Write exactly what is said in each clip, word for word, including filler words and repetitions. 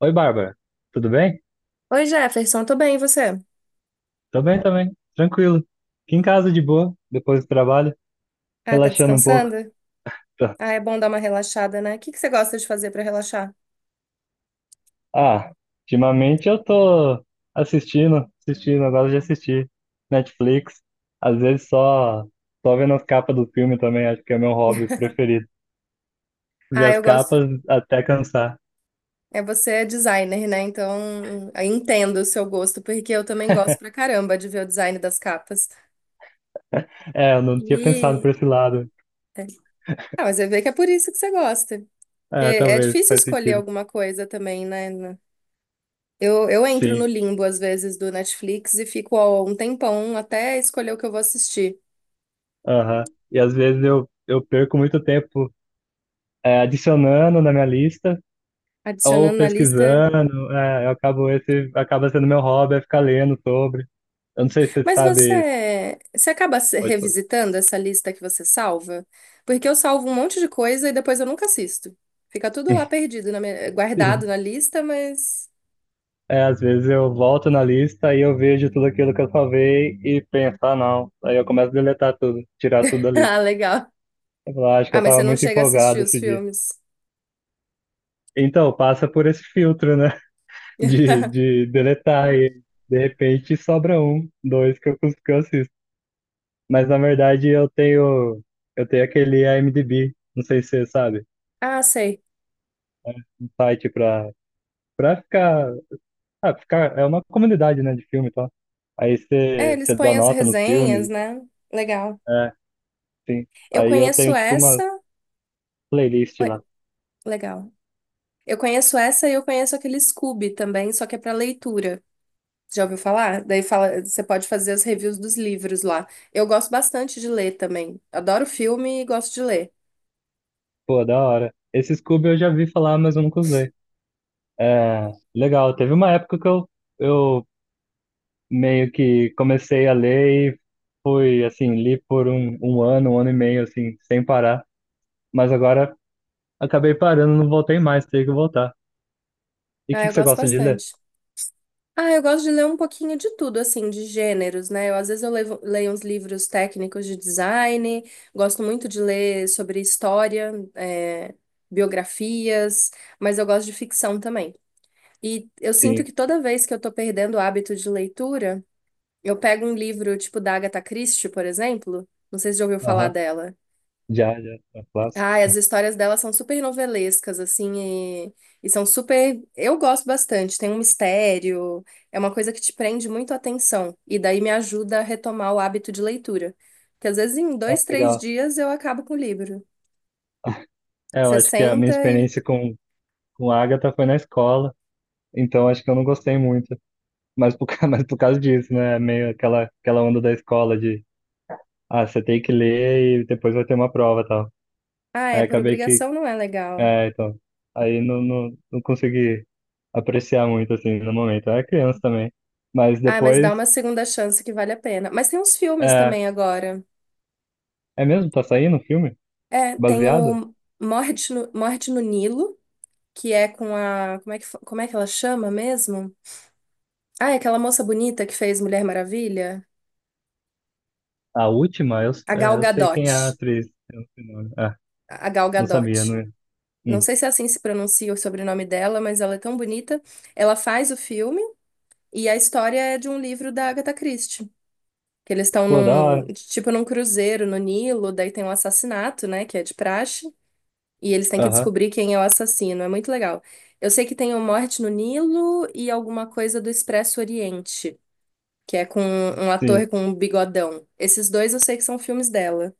Oi, Bárbara. Tudo bem? Oi, Jefferson, tô bem, e você? Tô bem também. Tranquilo. Aqui em casa de boa, depois do trabalho, Ah, tá relaxando um pouco. descansando? Tá. Ah, é bom dar uma relaxada, né? O que que você gosta de fazer pra relaxar? Ah, ultimamente eu tô assistindo, assistindo, eu gosto de assistir Netflix. Às vezes só, Só vendo as capas do filme também, acho que é meu hobby preferido. Ver Ah, as eu gosto. capas até cansar. É, você é designer, né? Então, eu entendo o seu gosto, porque eu também gosto pra caramba de ver o design das capas. É, eu não tinha pensado E. por esse lado. É. Ah, mas eu vejo que é por isso que você gosta. Porque É, é talvez, difícil faz escolher sentido. alguma coisa também, né? Eu, eu entro no Sim, limbo, às vezes, do Netflix e fico ó, um tempão até escolher o que eu vou assistir. aham. E às vezes eu, eu perco muito tempo, é, adicionando na minha lista ou Adicionando na lista. pesquisando, é, eu acabo esse, acaba sendo meu hobby, é ficar lendo sobre. Eu não sei se você Mas sabe, você, você acaba se- pode falar. revisitando essa lista que você salva? Porque eu salvo um monte de coisa e depois eu nunca assisto. Fica tudo lá perdido, na minha- guardado Sim. na lista, mas. É, às vezes eu volto na lista e eu vejo tudo aquilo que eu salvei e penso, ah, não. Aí eu começo a deletar tudo, tirar tudo da lista. Ah, legal. Eu falo, "Ah, acho que Ah, eu mas você tava não muito chega a assistir empolgado os esse dia." filmes. Então, passa por esse filtro, né? De, de deletar e de repente sobra um, dois que eu, cons- que eu assisto. Mas na verdade eu tenho, eu tenho aquele IMDb, não sei se você sabe. Ah, sei. Site pra, pra ficar, ah, ficar. É uma comunidade, né, de filme e tal. Aí É, você eles você dá põem as nota nos resenhas, filmes. né? Legal. É, sim. Eu Aí eu conheço tenho, tipo, uma essa. playlist Ué, lá. legal. Eu conheço essa e eu conheço aquele Scooby também, só que é pra leitura. Já ouviu falar? Daí fala, você pode fazer as reviews dos livros lá. Eu gosto bastante de ler também. Adoro filme e gosto de ler. Pô, da hora. Esse Scooby eu já vi falar, mas eu nunca usei. É, legal. Teve uma época que eu, eu meio que comecei a ler e fui, assim, li por um, um ano, um ano e meio, assim, sem parar. Mas agora acabei parando, não voltei mais, tenho que voltar. E o Ah, que eu que você gosto gosta de ler? bastante. Ah, eu gosto de ler um pouquinho de tudo, assim, de gêneros, né? Eu, às vezes eu levo- leio uns livros técnicos de design, gosto muito de ler sobre história, é, biografias, mas eu gosto de ficção também. E eu sinto Sim. que toda vez que eu tô perdendo o hábito de leitura, eu pego um livro tipo da Agatha Christie, por exemplo, não sei se já ouviu falar Aham. dela. Já, já. É. Ai, as histórias dela são super novelescas, assim, e, e são super. Eu gosto bastante, tem um mistério, é uma coisa que te prende muito a atenção, e daí me ajuda a retomar o hábito de leitura. Porque às vezes em Ah, dois, três legal. dias eu acabo com o livro. É, eu Você acho que a minha senta e. experiência com, com a Agatha foi na escola, então acho que eu não gostei muito. Mas por, ca- mas por causa disso, né? É. Meio aquela, aquela onda da escola de, ah, você tem que ler e depois vai ter uma prova e tal. Ah, é, Aí por acabei que, obrigação não é legal. é, então, aí não, não, não consegui apreciar muito, assim, no momento. Eu era criança também. Mas Ah, mas dá depois, uma segunda chance que vale a pena. Mas tem uns filmes é, também agora. é mesmo? Tá saindo um filme É, tem baseado? o Morte no, Morte no Nilo, que é com a. Como é que, fa- como é que ela chama mesmo? Ah, é aquela moça bonita que fez Mulher Maravilha? A última, eu, A é, Gal eu sei quem é Gadot. a atriz. Eu não sei o nome. Ah, A Gal não sabia, Gadot. não. Não Hum. sei se é assim que se pronuncia o sobrenome dela, mas ela é tão bonita. Ela faz o filme e a história é de um livro da Agatha Christie. Que eles estão Pô, da num, hora. tipo, num cruzeiro no Nilo, daí tem um assassinato, né, que é de praxe, e eles têm que Aham. descobrir quem é o assassino. É muito legal. Eu sei que tem o Morte no Nilo e alguma coisa do Expresso Oriente, que é com um Sim. ator com um bigodão. Esses dois eu sei que são filmes dela.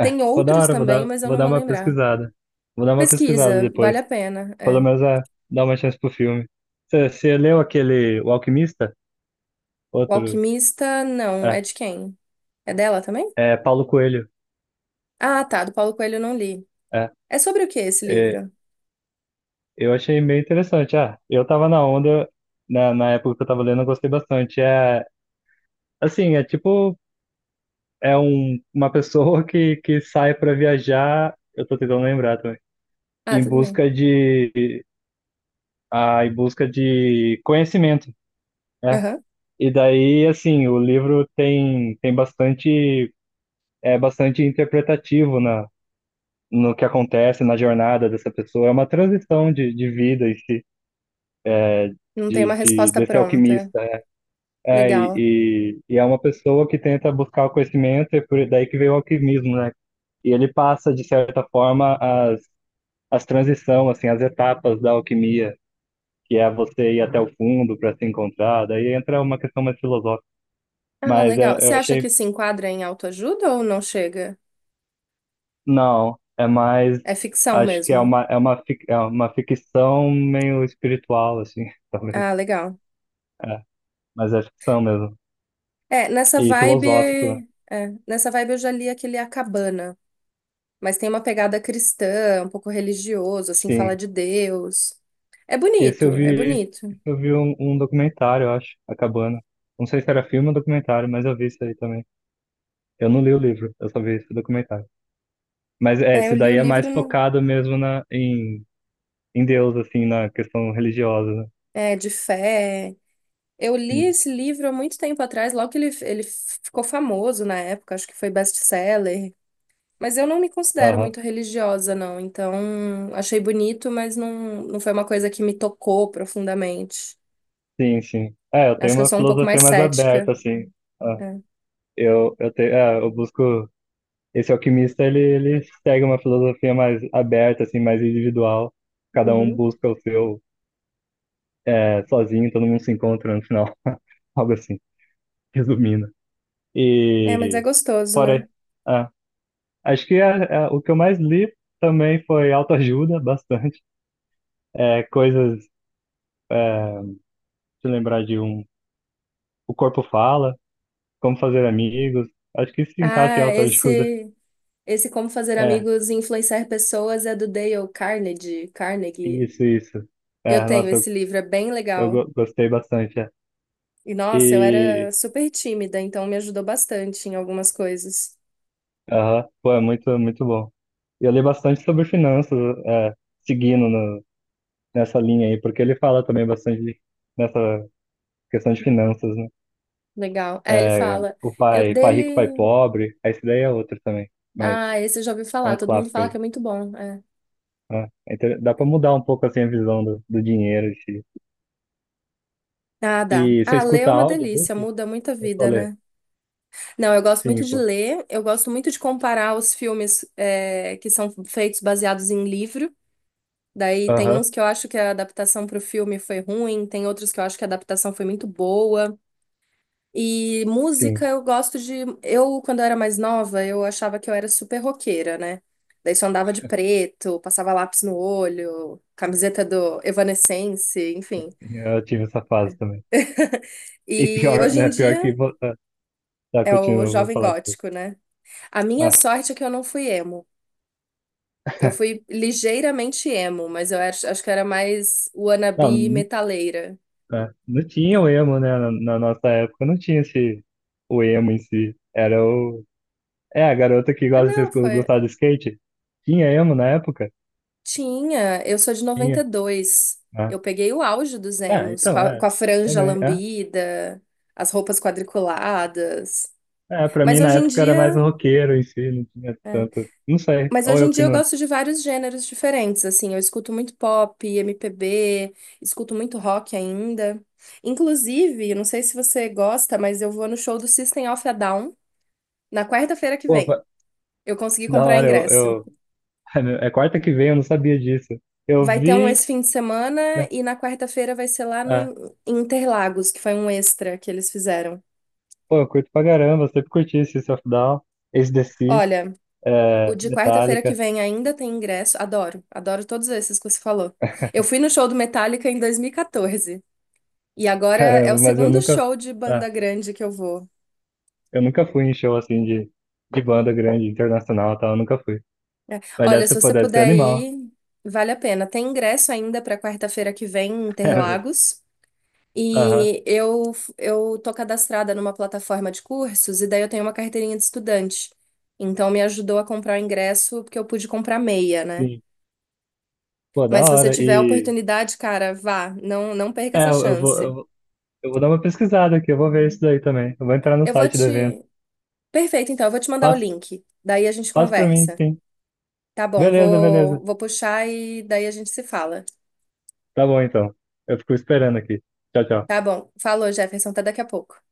É, Tem vou dar outros hora, vou também, dar, mas eu vou não dar vou uma lembrar. pesquisada. Vou dar uma pesquisada Pesquisa, vale a depois. pena. Pelo É. menos é, dar uma chance pro filme. Você você leu aquele O Alquimista? O Outro. Alquimista, não, é É, de quem? É dela também? é Paulo Coelho. Ah, tá, do Paulo Coelho eu não li. É, É sobre o que esse é, livro? eu achei meio interessante. Ah, eu tava na onda, na, na época que eu tava lendo, eu gostei bastante. É, assim, é tipo, é um, uma pessoa que, que sai pra viajar, eu tô tentando lembrar também, Ah, em tudo bem. busca de, ah, em busca de conhecimento, né? Aham. E daí, assim, o livro tem, tem bastante, é bastante interpretativo na, no que acontece na jornada dessa pessoa. É uma transição de, de vida em si, Não tem uma de, de, resposta desse pronta. alquimista. É, e, Legal. e, e é uma pessoa que tenta buscar o conhecimento, e por daí que veio o alquimismo, né? E ele passa, de certa forma, as, as transição assim, as etapas da alquimia, que é você ir até o fundo para se encontrar. Daí entra uma questão mais filosófica. Ah, Mas legal. é, Você eu acha achei. que se enquadra em autoajuda ou não chega? Não, é mais. É ficção Acho que é mesmo. uma, é uma, fic- é uma ficção meio espiritual, assim, talvez. Ah, legal. É, mas é ficção mesmo. É, nessa E vibe, filosófico, né? é, nessa vibe eu já li aquele A Cabana. Mas tem uma pegada cristã, um pouco religioso, assim, fala Sim. de Deus. É Esse eu bonito, é vi, bonito. esse eu vi um, um documentário, eu acho, acabando. Não sei se era filme ou documentário, mas eu vi isso aí também. Eu não li o livro, eu só vi esse documentário. Mas é, É, eu esse li daí o é mais livro no- focado mesmo na, em, em Deus, assim, na questão religiosa, né? é, de fé. Eu li Sim. esse livro há muito tempo atrás, logo que ele, ele ficou famoso na época, acho que foi best-seller. Mas eu não me considero Aham. muito religiosa, não. Então, achei bonito, mas não, não foi uma coisa que me tocou profundamente. Sim, sim. É, eu Acho tenho que eu uma sou um pouco filosofia mais mais cética. aberta, assim. Ah. É, Eu, eu, te, é, eu busco. Esse alquimista, ele, ele segue uma filosofia mais aberta, assim, mais individual. Cada um uhum. busca o seu, é, sozinho, todo mundo se encontra no final. Algo assim, resumindo. É, mas é E gostoso, né? fora. É, acho que é, é, o que eu mais li também foi autoajuda, bastante. É, coisas. É, deixa eu lembrar de um. O corpo fala, como fazer amigos. Acho que isso se encaixa em Ah, autoajuda. esse. Esse Como Fazer É, Amigos e Influenciar Pessoas é do Dale Carnegie. Carnegie. isso, isso. Eu É, tenho nossa, esse livro, é bem eu legal. go- gostei bastante. É. E nossa, eu era E, super tímida, então me ajudou bastante em algumas coisas. aham, pô, é muito, muito bom. E eu li bastante sobre finanças, é, seguindo no- nessa linha aí, porque ele fala também bastante de- nessa questão de finanças, né? Legal. Aí ele É, fala, o eu pai, pai rico, pai dele. pobre, aí esse daí é outro também, mas Ah, esse eu já ouvi é falar, um todo mundo clássico fala que aí, é muito bom. É. né? É inter- dá pra mudar um pouco assim a visão do, do dinheiro em si. Ah, dá. E você Ah, ler é escuta uma delícia, audiobook? muda muita Eu só vida, ler. né? Não, eu gosto muito Sim, de pô. ler, eu gosto muito de comparar os filmes, é, que são feitos baseados em livro. Daí tem Aham, uns que eu acho que a adaptação para o filme foi ruim, tem outros que eu acho que a adaptação foi muito boa. E música sim. eu gosto de. Eu, quando eu era mais nova, eu achava que eu era super roqueira, né? Daí só andava de preto, passava lápis no olho, camiseta do Evanescence, enfim. Eu tive essa fase também. E E pior, hoje em né? Pior dia que. vo- é, tá, é o continua, vou jovem falar depois. gótico, né? A minha Ah, sorte é que eu não fui emo. Eu fui ligeiramente emo, mas eu acho, acho que era mais wannabe não, metaleira. não, é, não tinha o emo, né? Na, na nossa época não tinha esse, o emo em si. Era o. É, a garota que Ah, gosta não, de foi. gostar de skate. Tinha emo na época? Tinha, eu sou de Tinha. noventa e dois. Ah, Eu peguei o auge dos é, emos, com então, a, é. com a franja Também. É, lambida, as roupas quadriculadas. é, pra Mas mim na hoje em época era mais o dia, roqueiro em si, não tinha é, tanto. Não sei. mas Ou hoje em eu que dia eu não. gosto de vários gêneros diferentes, assim, eu escuto muito pop, M P B, escuto muito rock ainda. Inclusive, eu não sei se você gosta, mas eu vou no show do System of a Down na quarta-feira que Pô, vem. va- Eu consegui que da comprar hora, eu, ingresso. eu. Ai, meu, é quarta que vem, eu não sabia disso. Eu Vai ter um vi. esse fim de semana É, e na quarta-feira vai ser lá no é. In- Interlagos, que foi um extra que eles fizeram. Pô, eu curto pra caramba, eu sempre curti esse of Down, A C/D C, Olha, o é, de quarta-feira que Metallica, vem ainda tem ingresso. Adoro, adoro todos esses que você falou. Eu fui no show do Metallica em dois mil e quatorze e quatorze e agora é o caramba, mas eu segundo nunca, show de banda ah, grande que eu vou. eu nunca fui em show assim de, de banda grande, internacional e tal, eu nunca fui. É. Mas deve Olha, ser, se pô, você deve ser puder animal. ir, vale a pena. Tem ingresso ainda para quarta-feira que vem em Interlagos. É, aham, E eu, eu tô cadastrada numa plataforma de cursos e daí eu tenho uma carteirinha de estudante. Então me ajudou a comprar o ingresso porque eu pude comprar meia, né? sim. Pô, da Mas se você hora. tiver a E, oportunidade, cara, vá, não, não perca é, essa eu, eu vou, eu, chance. vou- eu vou dar uma pesquisada aqui, eu vou ver isso daí também. Eu vou entrar no Eu vou site do evento. te. Perfeito, então, eu vou te mandar o Passa, link. Daí a gente passa pra mim, conversa. sim. Tá bom, Beleza, vou, beleza. vou puxar e daí a gente se fala. Tá bom, então. Eu fico esperando aqui. Tchau, tchau. Tá bom, falou, Jefferson, até daqui a pouco.